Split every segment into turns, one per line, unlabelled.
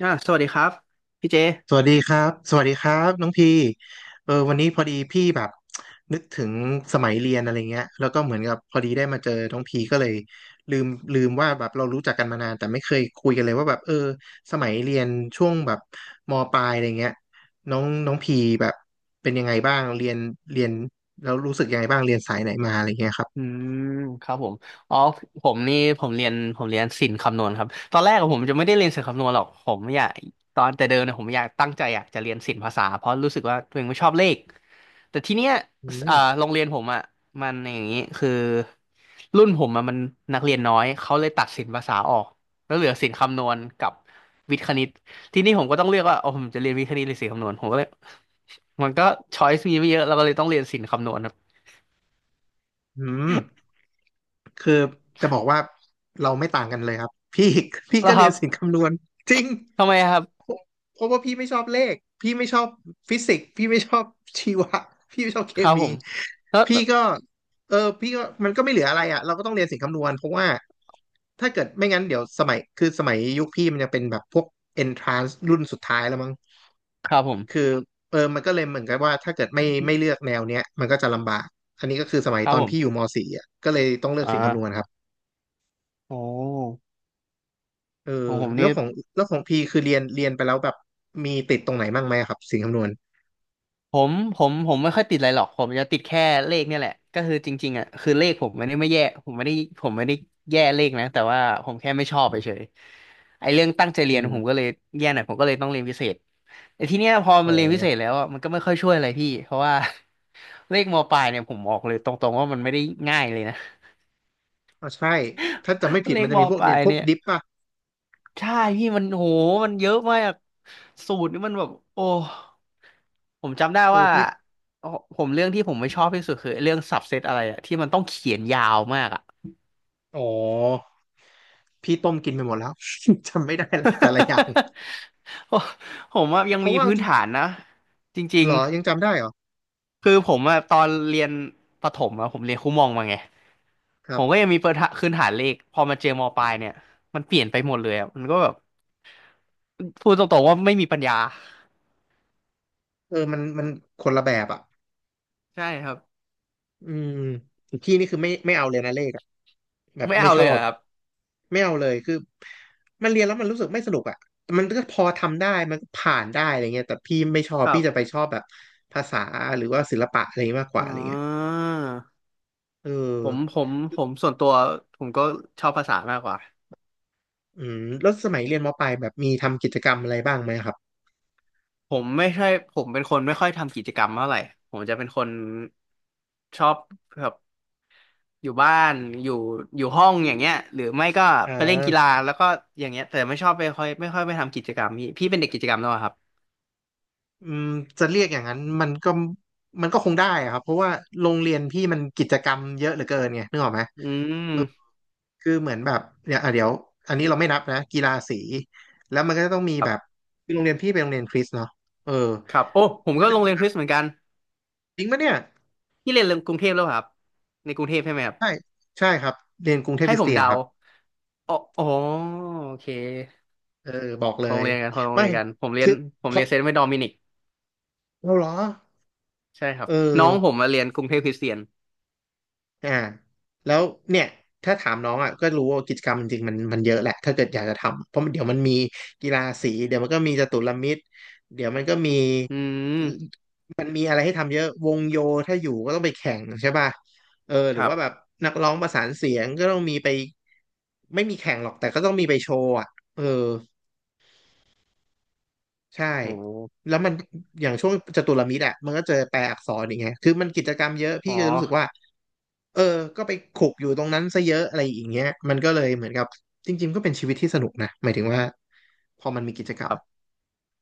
สวัสดีครับพี่เจ
สวัสดีครับสวัสดีครับน้องพีวันนี้พอดีพี่แบบนึกถึงสมัยเรียนอะไรเงี้ยแล้วก็เหมือนกับพอดีได้มาเจอน้องพีก็เลยลืมลืมว่าแบบเรารู้จักกันมานานแต่ไม่เคยคุยกันเลยว่าแบบเออสมัยเรียนช่วงแบบมปลายอะไรเงี้ยน้องน้องพีแบบเป็นยังไงบ้างเรียนแล้วรู้สึกยังไงบ้างเรียนสายไหนมาอะไรเงี้ยครั
อื
บ
มครับผมอ๋อผมนี่ผมเรียนศิลป์คำนวณครับตอนแรกอะผมจะไม่ได้เรียนศิลป์คำนวณหรอกผมอยากตอนแต่เดิมเนี่ยผมอยากตั้งใจอยากจะเรียนศิลป์ภาษาเพราะรู้สึกว่าตัวเองไม่ชอบเลขแต่ทีเนี้ย
อืม
โรงเรียนผมอ่ะมันอย่างนี้คือรุ่นผมอะมันนักเรียนน้อยเขาเลยตัดศิลป์ภาษาออกแล้วเหลือศิลป์คำนวณกับวิทย์คณิตทีนี้ผมก็ต้องเลือกว่าโอ้ผมจะเรียนวิทย์คณิตหรือศิลป์คำนวณผมก็เลยมันก็ช้อยส์มีไม่เยอะเราก็เลยต้องเรียนศิลป์คำนวณ
อืมคือจะบอกว่าเราไม่ต่างกันเลยครับพี่พี่
แล้
ก็
วค
เรีย
รั
น
บ
สิ่งคำนวณจริง
ทำไมครับ
เพราะว่าพี่ไม่ชอบเลขพี่ไม่ชอบฟิสิกส์พี่ไม่ชอบชีวะ พี่ไม่ชอบเค
ครับผ
มี
มแล้ว
พี่ก็พี่ก็มันก็ไม่เหลืออะไรอ่ะเราก็ต้องเรียนสิ่งคำนวณเพราะว่าถ้าเกิดไม่งั้นเดี๋ยวสมัยคือสมัยยุคพี่มันยังเป็นแบบพวก entrance รุ่นสุดท้ายแล้วมั้ง
ครับผม
คือมันก็เลยเหมือนกับว่าถ้าเกิดไม่เลือกแนวเนี้ยมันก็จะลำบากอันนี้ก็คือสมัย
ครับ
ตอน
ผ
พี่อ
ม
ยู่ม .4 อ่ะก็เลยต้องเลือก
อ่า
สิ่งคำนวณครับ
โอ้
เออ
ของผม
แล้
นี่
วของแล้วของพี่คือเรียนไปแล้วแบบมีติดตรงไหนบ้างไหมครับสิ่งคำนวณ
ผมไม่ค่อยติดอะไรหรอกผมจะติดแค่เลขเนี่ยแหละก็คือจริงๆอ่ะคือเลขผมไม่ได้ไม่แย่ผมไม่ได้แย่เลขนะแต่ว่าผมแค่ไม่ชอบไปเฉยๆไอ้เรื่องตั้งใจเรี
อื
ยนผมก็
ม
เลยแย่หน่อยผมก็เลยต้องเรียนพิเศษแต่ทีเนี้ยพอ
อ๋
มันเรียนพิเศษ
อ
แล้วอะมันก็ไม่ค่อยช่วยอะไรพี่เพราะว่า เลขมปลายเนี่ยผมบอกเลยตรงๆว่ามันไม่ได้ง่ายเลยนะ
อ่ะใช่ถ้าจะไม่ ผิด
เล
มั
ข
น
ม
จะมีพว
ป
ก
ลา
เนี่ย
ย
พวก
เนี่ย
ดิปป่ะ
ใช่พี่มันโหมันเยอะมากสูตรนี่มันแบบโอ้ผมจำได้
เออ
ว่า
พี่
โอผมเรื่องที่ผมไม่ชอบที่สุดคือเรื่องสับเซตอะไรอะที่มันต้องเขียนยาวมากอะ
อ๋อพี่ต้มกินไปหมดแล้ว จำไม่ได้ละแต่ละอย่าง
โอ้ผมอะยัง
เพ
มี
ราะว่า
พื้น
จริง
ฐานนะจริ
เห
ง
รอยังจำได้เหรอ
ๆคือผมอะตอนเรียนประถมอะผมเรียนครูมองมาไง
ค
ผ
รับ
มก็ยังมีเปิดคื้นฐานเลขพอมาเจอมปลายเนี่ยมันเปลี่ยนไปหมดเลยอะมันก็แบบพูดตรงๆว่าไม่มีปัญญา
มันคนละแบบอ่ะ
ใช่ครับ
อืมพี่นี่คือไม่เอาเลยนะเลขอ่ะแบบ
ไม่
ไม่
เอา
ช
เล
อ
ยเหร
บ
อครับ
ไม่เอาเลยคือมันเรียนแล้วมันรู้สึกไม่สนุกอ่ะมันก็พอทำได้มันก็ผ่านได้อะไรเงี้ยแต่พี่ไม่ชอบ
ครั
พี่
บ
จะไปชอบแบบภาษาหรือว่าศิลปะอะไรองี้ยมากก
อ่
ว่าอะไรเงี้ย
า
เออ
ผมส่วนตัวผมก็ชอบภาษามากกว่า
อืมแล้วสมัยเรียนมปลายแบบมีทำกิจกรรมอะไรบ้างไหมครับ
ผมไม่ใช่ผมเป็นคนไม่ค่อยทำกิจกรรมเท่าไหร่ผมจะเป็นคนชอบแบบอยู่บ้านอยู่อยู่ห้องอย่างเงี้ยหรือไม่ก็
อ่
ไปเล่นกีฬา
า
แล้วก็อย่างเงี้ยแต่ไม่ชอบไปค่อยไม่ค่อยไปทำกิจกรรมพี่เป็นเด็กกิจกรรมแล้วเหรอครับ
อืมจะเรียกอย่างนั้นมันก็มันก็คงได้อะครับเพราะว่าโรงเรียนพี่มันกิจกรรมเยอะเหลือเกินไงนึกออกไหม
อืม
คือเหมือนแบบเดี๋ยวอ่ะเดี๋ยวอันนี้เราไม่นับนะกีฬาสีแล้วมันก็จะต้องมี
ครั
แบบ
บ
คือโรงเรียนพี่เป็นโรงเรียนคริสต์เนาะเออ
ครับโอ้ผม
มันก็
ก็
จะ
โรง
มี
เรียน
แบ
ค
บ
ริสต์เหมือนกัน
จริงปะเนี่ย
พี่เรียนกรุงเทพแล้วเหรอครับในกรุงเทพใช่ไหมครับ
ใช่ใช่ครับเรียนกรุงเทพ
ให้
คริ
ผ
ส
ม
เตียน
เดา
ครับ
อ๋ออ๋อโอเค
เออบอกเล
โรง
ย
เรียนกันคนโรง
ไม่
เรียนกันผมเรีย
คื
น
อ
ผม
เพ
เรีย
ราะ
นเซนต์ไม่ดอมินิก
เราเหรอ
ใช่ครับ
เออ
น้องผมมาเรียนกรุงเทพคริสเตียน
อ่าแล้วเนี่ยถ้าถามน้องอ่ะก็รู้ว่ากิจกรรมจริงๆมันมันเยอะแหละถ้าเกิดอยากจะทำเพราะมันเดี๋ยวมันมีกีฬาสีเดี๋ยวมันก็มีจตุรมิตรเดี๋ยวมันก็มี
อืม
มันมีอะไรให้ทำเยอะวงโยถ้าอยู่ก็ต้องไปแข่งใช่ป่ะห
ค
รือ
รับ
ว่าแบบนักร้องประสานเสียงก็ต้องมีไปไม่มีแข่งหรอกแต่ก็ต้องมีไปโชว์อ่ะเออ ใช่
โอ้โห
แล้วมันอย่างช่วงจตุรมิตรอ่ะมันก็เจอแปลอักษรอย่างเงี้ยคือมันกิจกรรมเยอะพี่
อ๋อ
ก็จะรู้สึกว่าเออก็ไปขลุกอยู่ตรงนั้นซะเยอะอะไรอย่างเงี้ยมันก็เลยเหมือนกับจริงๆก็เป็นชีวิตที่สนุกนะหมายถึงว่าพอมันมีกิจกรรม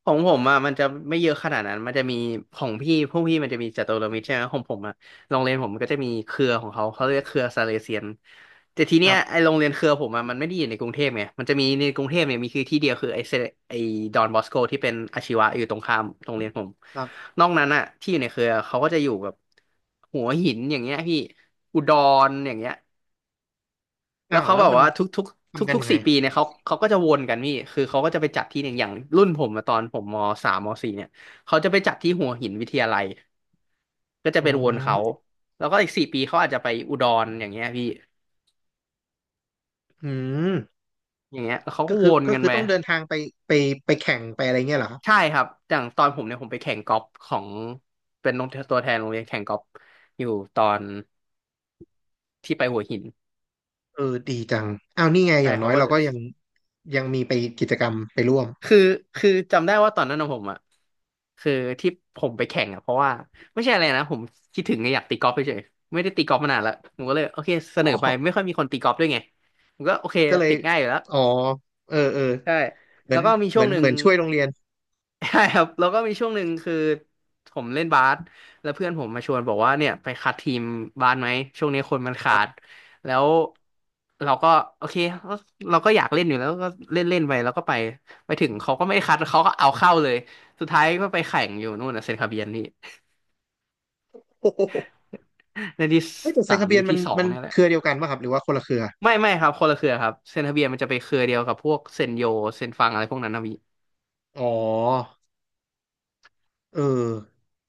ของผมอ่ะมันจะไม่เยอะขนาดนั้นมันจะมีของพี่พวกพี่มันจะมีจัตุรมิตรใช่ไหมของผมอ่ะโรงเรียนผมก็จะมีเครือของเขาเขาเรียกเครือซาเลเซียนแต่ที
ค
เนี้
รั
ยไอ
บ
โรงเรียนเครือผมอ่ะมันไม่ได้อยู่ในกรุงเทพไงมันจะมีในกรุงเทพเนี่ยมีคือที่เดียวคือไอเซไอดอนบอสโกที่เป็นอาชีวะอยู่ตรงข้ามโรงเรียนผม
ครับ
นอกนั้นอ่ะที่อยู่ในเครือเขาก็จะอยู่แบบหัวหินอย่างเงี้ยพี่อุดรอย่างเงี้ย แล้
อ้า
ว
ว
เขา
แล้
แบ
ว
บ
มัน
ว่าทุกทุกทุก
ทำกัน
ทุก
ยังไง
สี่ปีเนี่ยเขาเขาก็จะวนกันพี่คือเขาก็จะไปจัดที่หนึ่งอย่างรุ่นผมอะตอนผมมสามมสี่เนี่ยเขาจะไปจัดที่หัวหินวิทยาลัยก็จะ
อ๋
เป็นวนเขา
อ
แล้วก็อีกสี่ปีเขาอาจจะไปอุดรอย่างเงี้ยพี่
อืม
อย่างเงี้ยแล้วเขาก็
ก็
ว
คือ
น
ก็
กัน
คือ
ไป
ต้องเดินทางไปไปไปแข่งไปอะไรเงี้ยเหรอครับ
ใช่ครับอย่างตอนผมเนี่ยผมไปแข่งกอล์ฟของเป็นตัวแทนโรงเรียนแข่งกอล์ฟอยู่ตอนที่ไปหัวหิน
เออดีจังอ้าวนี่ไงอ
ใช่
ย่างน้
เขา
อย
ก็
เรา
จะ
ก็ยังยังมีไปกิจกรรมไปร่วม
คือคือจำได้ว่าตอนนั้นของผมอ่ะคือที่ผมไปแข่งอ่ะเพราะว่าไม่ใช่อะไรนะผมคิดถึงไงอยากตีกอล์ฟเฉยๆไม่ได้ตีกอล์ฟมานานละผมก็เลยโอเคเส
อ๋
นอไป
อ
ไม่ค่อยมีคนตีกอล์ฟด้วยไงผมก็โอเค
ก็เลย
ติดง่ายอยู่แล้ว
อ๋อเออเออ
ใช่
เหมื
แล้
อ
ว
น
ก็มี
เห
ช่
มื
ว
อ
ง
น
หนึ่
เห
ง
มือนช่วยโรงเรียน
ใช่ครับแล้วก็มีช่วงหนึ่งคือผมเล่นบาสแล้วเพื่อนผมมาชวนบอกว่าเนี่ยไปคัดทีมบาสไหมช่วงนี้คนมัน
ค
ขา
รั
ด
บ
แล้วเราก็โอเคก็เราก็อยากเล่นอยู่แล้วก็เล่นเล่นไปแล้วก็ไปไปถึงเขาก็ไม่ได้คัดเขาก็เอาเข้าเลยสุดท้ายก็ไปแข่งอยู่นู่นนะเซนต์คาเบียนนี่
โอ้โห
ในที่
เฮ้ยแต่ไซ
สาม
คา
ห
เบีย
รื
น
อ
มัน
ที่สอง
มัน
เนี่ยแห
เค
ละ
รือเดียวกันป่ะครับหรือว่าคนละเครือ
ไม่ไม่ครับคนละเครือครับเซนต์คาเบียนมันจะไปเครือเดียวกับพวกเซนโยเซนฟังอะไรพวกนั้นนะ
อ๋อเออ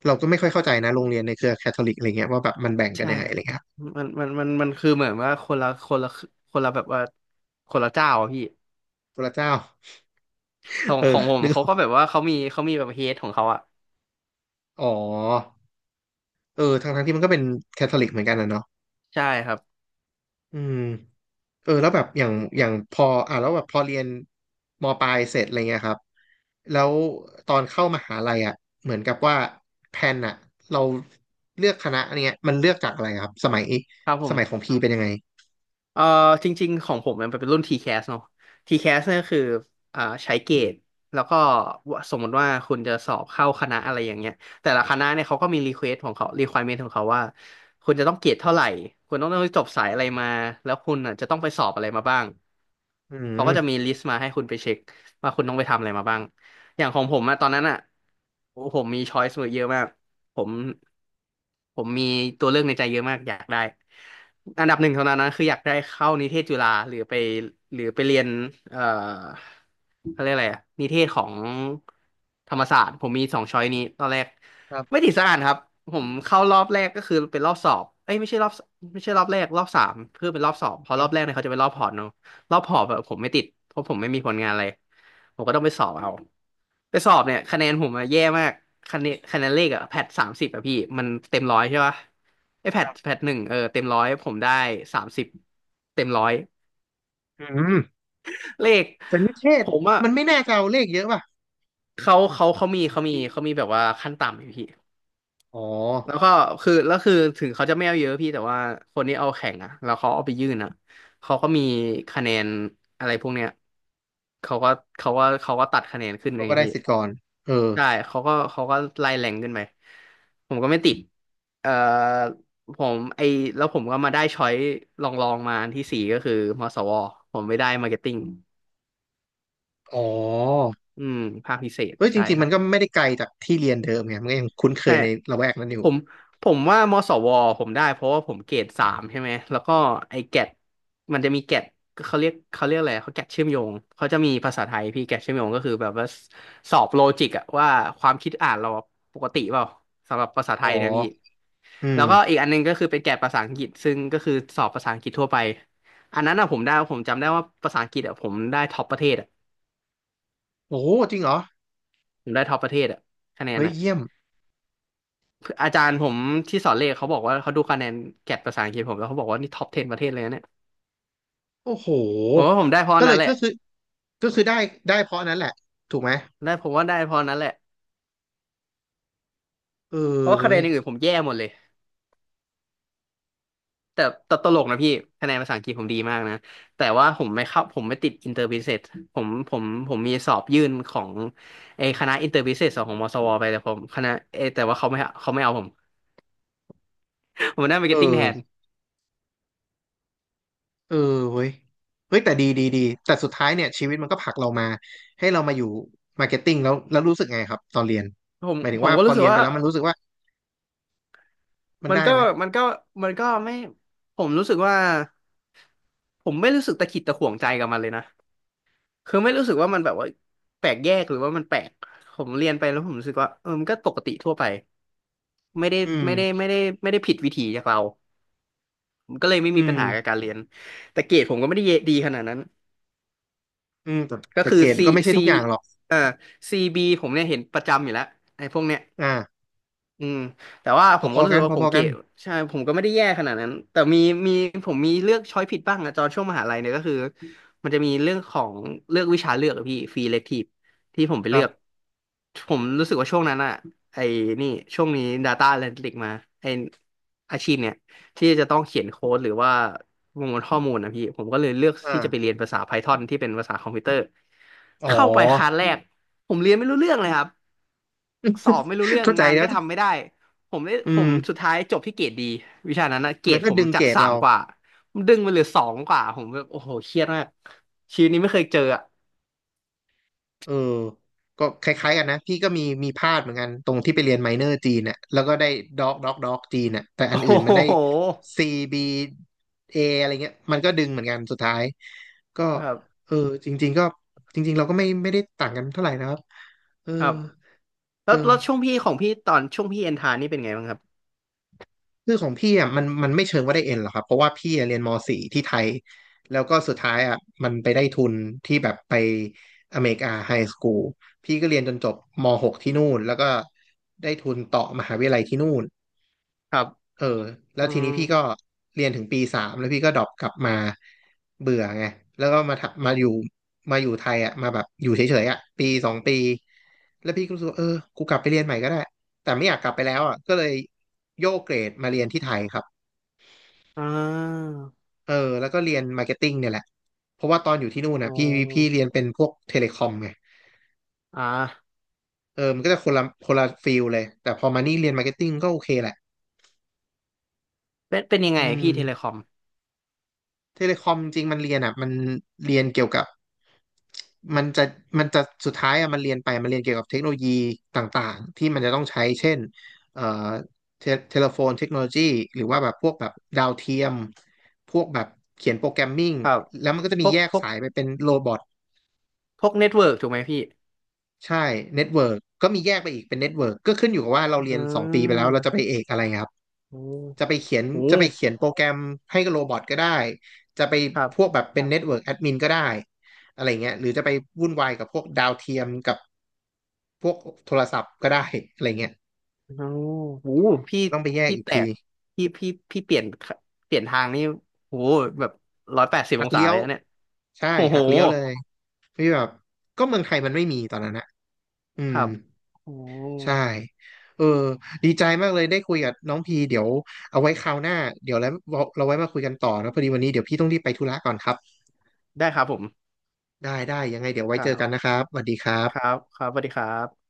เราก็ไม่ค่อยเข้าใจนะโรงเรียนในเครือแคทอลิกอะไรเงี้ยว่าแบบมันแบ่งกัน
ใช่
ยังไง
ค
อะ
รับ
ไรเงี้ยครับ
มันคือเหมือนว่าคนละคนละคนละแบบว่าคนละเจ้าอะพี่
พระเจ้า
ขอ ง
เอ
ข
อ
องผม
นึก
เขา
ออ
ก็
ก
แบบว่าเขามีแบบเฮดของเขาอ่ะ
อ๋อเออทั้งที่มันก็เป็นแคทอลิกเหมือนกันนะเนาะ
ใช่ครับ
อืม เออแล้วแบบอย่างพออ่ะแล้วแบบพอเรียนมปลายเสร็จอะไรเงี้ยครับแล้วตอนเข้ามหาลัยอ่ะเหมือนกับว่าแพลนอ่ะเราเลือกคณะอันเนี้ยมันเลือกจากอะไรครับสมัย
ครับผ
สมัยขอ
ม
งพี่เป็นยังไง
เอ่อจริงๆของผมมันเป็นรุ่น TCAS เนาะ t แคสเนี่ยก็คือใช้เกรดแล้วก็สมมติว่าคุณจะสอบเข้าคณะอะไรอย่างเงี้ยแต่ละคณะเนี่ยเขาก็มีรีเควสของเขา requirement ของเขาว่าคุณจะต้องเกรดเท่าไหร่คุณต้องจบสายอะไรมาแล้วคุณอ่ะจะต้องไปสอบอะไรมาบ้าง
อื
เขา
ม
ก็จะมีลิสต์มาให้คุณไปเช็คว่าคุณต้องไปทำอะไรมาบ้างอย่างของผมอะตอนนั้นอะโอ้โหผมมีช้อยส์เยอะมาก ผมผมมีตัวเลือกในใจเยอะมากอยากได้อันดับหนึ่งเท่านั้นนะคืออยากได้เข้านิเทศจุฬาหรือไปเรียนเอ่อเขาเรียกอะไรอะนิเทศของธรรมศาสตร์ผมมีสองช้อยนี้ตอนแรก
ครั
ไม่
บ
ติดสักอันครับผมเข้ารอบแรกก็คือเป็นรอบสอบเอ้ยไม่ใช่รอบแรกรอบสามเพื่อเป็นรอบสอบเพราะ
ค
ร
รั
อบแรก
บ
เนี่ยเขาจะเป็นรอบพอร์ตเนาะ รอบหอบแบบผมไม่ติดเพราะผมไม่มีผลงานอะไรผมก็ต้องไปสอบเอาไปสอบเนี่ยคะแนนผมอะแย่มากคะแนนคะแนนเลขอะแพทสามสิบอะพี่มันเต็มร้อยใช่ปะไอแพทแพทหนึ่งเออเต็มร้อยผมได้สามสิบเต็มร้อย
อืม
เลข
เปรนิเท
ผ
ศ
มอะ
มันไม่น่าจะเอาเลขเยอะป่ะ
เขามีแบบว่าขั้นต่ำอยู่พี่
อ๋อ
แล้วก็คือแล้วคือถึงเขาจะไม่เอาเยอะพี่แต่ว่าคนที่เอาแข่งอะแล้วเขาเอาไปยื่นอะเขาก็มีคะแนนอะไรพวกเนี้ยเขาก็เขาก็ตัดคะแนนขึ้นเล
เรา
ย
ก็ได้
พี่
สิทธิ์ก่อนเออ
ใช่ เขาก็ไล่แรงขึ้นไปผมก็ไม่ติดเอ่อผมไอแล้วผมก็มาได้ช้อยลองมาอันที่สี่ก็คือมสวผมไม่ได้มาร์เก็ตติ้ง
อ๋อ
อืมภาคพิเศษ
เอ้ยจ
ใช่
ริง
ค
ๆ
รั
มั
บ
นก็ไม่ได้ไกลจากที่เรียนเดิมไงมันก็ยังคุ้นเค
ใช่
ยในละแวกนั้นอ
ผ
ยู่
มผมว่ามสวผมได้เพราะว่าผมเกรดสามใช่ไหมแล้วก็ไอ้แกดมันจะมีแกดเขาเรียกเขาเรียกอะไรเขาแกดเชื่อมโยงเขาจะมีภาษาไทยพี่แกดเชื่อมโยงก็คือแบบว่าสอบโลจิกอะว่าความคิดอ่านเราปกติเปล่าสำหรับภาษาไท
อ๋อ
ยเนะพี่
อื
แล้
ม
วก็อีกอันหนึงก็คือเป็นแกดภาษาอังกฤษซึ่งก็คือสอบภาษาอังกฤษทั่วไปอันนั้นอะผมได้ผมจำได้ว่าภาษาอังกฤษอะผมได้ท็อปประเทศอะ
โอ้จริงเหรอ
ผมได้ท็อปประเทศอะคะแนน
เฮ้ย
อะ
เยี่ยม
อาจารย์ผมที่สอนเลขเขาบอกว่าเขาดูคะแนนแกดภาษาอังกฤษผมแล้วเขาบอกว่านี่ท็อป10ประเทศเลยนะเนี่ย
โอ้โห
ผมว่าผมได้เพราะ
ก็เล
นั้น
ย
แหละ
ก็คือก็คือได้เพราะนั้นแหละถูกไหม
ได้ผมว่าได้เพราะนั้นแหละ
เอ
เพ
อ
ราะว่าคะแน
เว้
น
ย
อย่างอื่นผมแย่หมดเลยแต่แต่ตลกนะพี่คะแนนภาษาอังกฤษผมดีมากนะแต่ว่าผมไม่ติดอินเตอร์บิเซสผมผมผมมีสอบยื่นของไอ้คณะอินเตอร์บิเซสของมศวไปแต่ผมคณะเอยแต่ว่าเขาไม่เอาผมผมได้มาร์
เอ
เก็ตติ้งแทน
อเออเว้ยเฮ้ยแต่ดีแต่สุดท้ายเนี่ยชีวิตมันก็ผลักเรามาให้เรามาอยู่มาร์เก็ตติ้งแล้วรู้สึกไงครับตอนเรียน
ผม
หมายถึ
ผ
ง
ม
ว่า
ก็
พอ
รู้สึก
เรียนไป
ว่า
แล้วมันรู้สึกว่ามัน
มัน
ได้
ก็
ไหม
มันก็มันก็ไม่ผมรู้สึกว่าผมไม่รู้สึกตะขิดตะขวงใจกับมันเลยนะ คือไม่รู้สึกว่ามันแบบว่าแปลกแยกหรือว่ามันแปลกผมเรียนไปแล้วผมรู้สึกว่าเออมันก็ปกติทั่วไปไม่ได้
อืม
ไม่ได้ไม่ได้ไม่ได้ผิดวิถีจากเราผมก็เลยไม่
อื
มีปัญหากับ
ม
การเรียนแต่เกรดผมก็ไม่ได้เยดีขนาดนั้น
อืมแต่
ก็
แต่
คือ
เกรด
C
ก็ไม่ใช่
C
ทุกอย่างหรอก
เอ่อซีบ b ผมเนี่ยเห็นประจำอยู่แล้วไอ้พวกเนี้ย
อ่า
อืมแต่ว่า
พ
ผมก็
อ
รู้
ๆ
สึ
กั
ก
นพ
ว่าผม
อๆกั
เก๋
น
ใช่ผมก็ไม่ได้แย่ขนาดนั้นแต่มีผมมีเลือกช้อยผิดบ้างอะตอนช่วงมหาลัยเนี่ยก็คือมันจะมีเรื่องของเลือกวิชาเลือกอะพี่ฟรีเลคทีฟที่ผมไป
ค
เลื
รั
อ
บ
กผมรู้สึกว่าช่วงนั้นอะไอ้นี่ช่วงนี้ Data Analytics มาไอ้อาชีพเนี่ยที่จะต้องเขียนโค้ดหรือว่าประมวลข้อมูลนะพี่ผมก็เลยเลือกที่จะไปเรี
อ่า
ยนภาษา Python ที่เป็นภาษาคอมพิวเตอร์
อ๋อ
เข้าไปคลาสแรกผมเรียนไม่รู้เรื่องเลยครับ สอบไม่รู้เรื่ อง
เข้าใจ
งาน
แล้
ก็
ว
ทำไม่ได้ผ
อื
ม
ม
สุดท้ายจบที่เกรดดีวิชานั้นนะเกร
มัน
ด
ก็
ผม
ดึง
จา
เก
ก
รด
สาม
เรา
กว่ามันดึงมาเหลือสองกว่าผมแบบโอ้โหเครียดมากชีวิตนี้ไม่เคยเจออะ
เออก็คล้ายๆกันนะ พี่ก็มีมีพลาดเหมือนกัน ตรงที่ไปเรียนไมเนอร์จีนน่ะแล้วก็ได้ด็อกจีนน่ะแต่ อั
โอ้
นอื่น
โ
มันได้
ห
C B A อะไรเงี้ย มันก็ดึงเหมือนกันสุดท้ายก็
ครับ
เออจริงๆก็จริงๆเราก็ไม่ได้ต่างกันเท่าไหร่นะครับเออ
ครับแล้
เออ
วแล้วช่วงพี่ของพี่ตอนช่วงพี่เอ็นทานี่เป็นไงบ้างครับ
คือของพี่อ่ะมันไม่เชิงว่าได้เอ็นหรอกครับเพราะว่าพี่อะเรียนม .4 ที่ไทยแล้วก็สุดท้ายอ่ะมันไปได้ทุนที่แบบไปอเมริกาไฮสคูลพี่ก็เรียนจนจบม .6 ที่นู่นแล้วก็ได้ทุนต่อมหาวิทยาลัยที่นู่น
ครับ
เออแล้
อื
วที
ม
นี้พี่ก็เรียนถึงปีสามแล้วพี่ก็ดรอปกลับมาเบื่อไงแล้วก็มาทำมาอยู่มาอยู่ไทยอ่ะมาแบบอยู่เฉยๆอ่ะปีสองปีแล้วพี่ก็รู้สึกว่าเออกูกลับไปเรียนใหม่ก็ได้แต่ไม่อยากกลับไปแล้วอ่ะก็เลยโยกเกรดมาเรียนที่ไทยครับ
อ่า
เออแล้วก็เรียนมาร์เก็ตติ้งเนี่ยแหละเพราะว่าตอนอยู่ที่นู่นนะ
โอ้
พี่เรียนเป็นพวกเทเลคอมไง
อ่า
เออมันก็จะคนละคนละฟิลเลยแต่พอมานี่เรียนมาร์เก็ตติ้งก็โอเคแหละ
เป็นเป็นยังไง
อื
พี่เทเลค
ม
อม
เทเลคอมจริงๆมันเรียนอ่ะมันเรียนเกี่ยวกับมันจะมันจะสุดท้ายอ่ะมันเรียนไปมันเรียนเกี่ยวกับเทคโนโลยีต่างๆที่มันจะต้องใช้เช่นเอ่อเทเทเลโฟนเทคโนโลยีหรือว่าแบบพวกแบบดาวเทียมพวกแบบเขียนโปรแกรมมิ่ง
ครับ
แล้วมันก็จะ
พ
มี
วก
แยก
พวก
สายไปเป็นโรบอท
พวกเน็ตเวิร์กถูกไหมพี่
ใช่เน็ตเวิร์กก็มีแยกไปอีกเป็นเน็ตเวิร์กก็ขึ้นอยู่กับว่าเรา
อื
เรียนสองปีไปแล้วเราจะไป
ม
เอกอะไรครับ
โอ้
จะไปเขียน
โห
จะไปเขียนโปรแกรมให้กับโรบอทก็ได้จะไป
ครั
พวก
บ
แบบเป็นเน็ตเวิร์กแอดมินก็ได้อะไรเงี้ยหรือจะไปวุ่นวายกับพวกดาวเทียมกับพวกโทรศัพท์ก็ได้อะไรเงี้ย
โอ้โหพี่
ต้องไปแยก
พี่
อีก
แต
ที
กพี่เปลี่ยนทางนี่โหแบบ180อ
หัก
งศา
เลี้ย
เล
ว
ยนะเนี่ย
ใช่
โอ้โห
หักเลี้ยวเลยไม่แบบก็เมืองไทยมันไม่มีตอนนั้นอะอื
ค
ม
รับโอ้
ใช่เออดีใจมากเลยได้คุยกับน้องพีเดี๋ยวเอาไว้คราวหน้า เดี๋ยวแล้วเราไว้มาคุยกันต่อนะพอดีวันนี้เดี๋ยวพี่ต้องรีบไปธุระก่อนครับ
ได้ครับผม
ได้ยังไงเดี๋ยวไว้
ค
เจ
รั
อกัน
บ
นะครับสวัสดีครั
ครั
บ
บครับสวัสดีครับ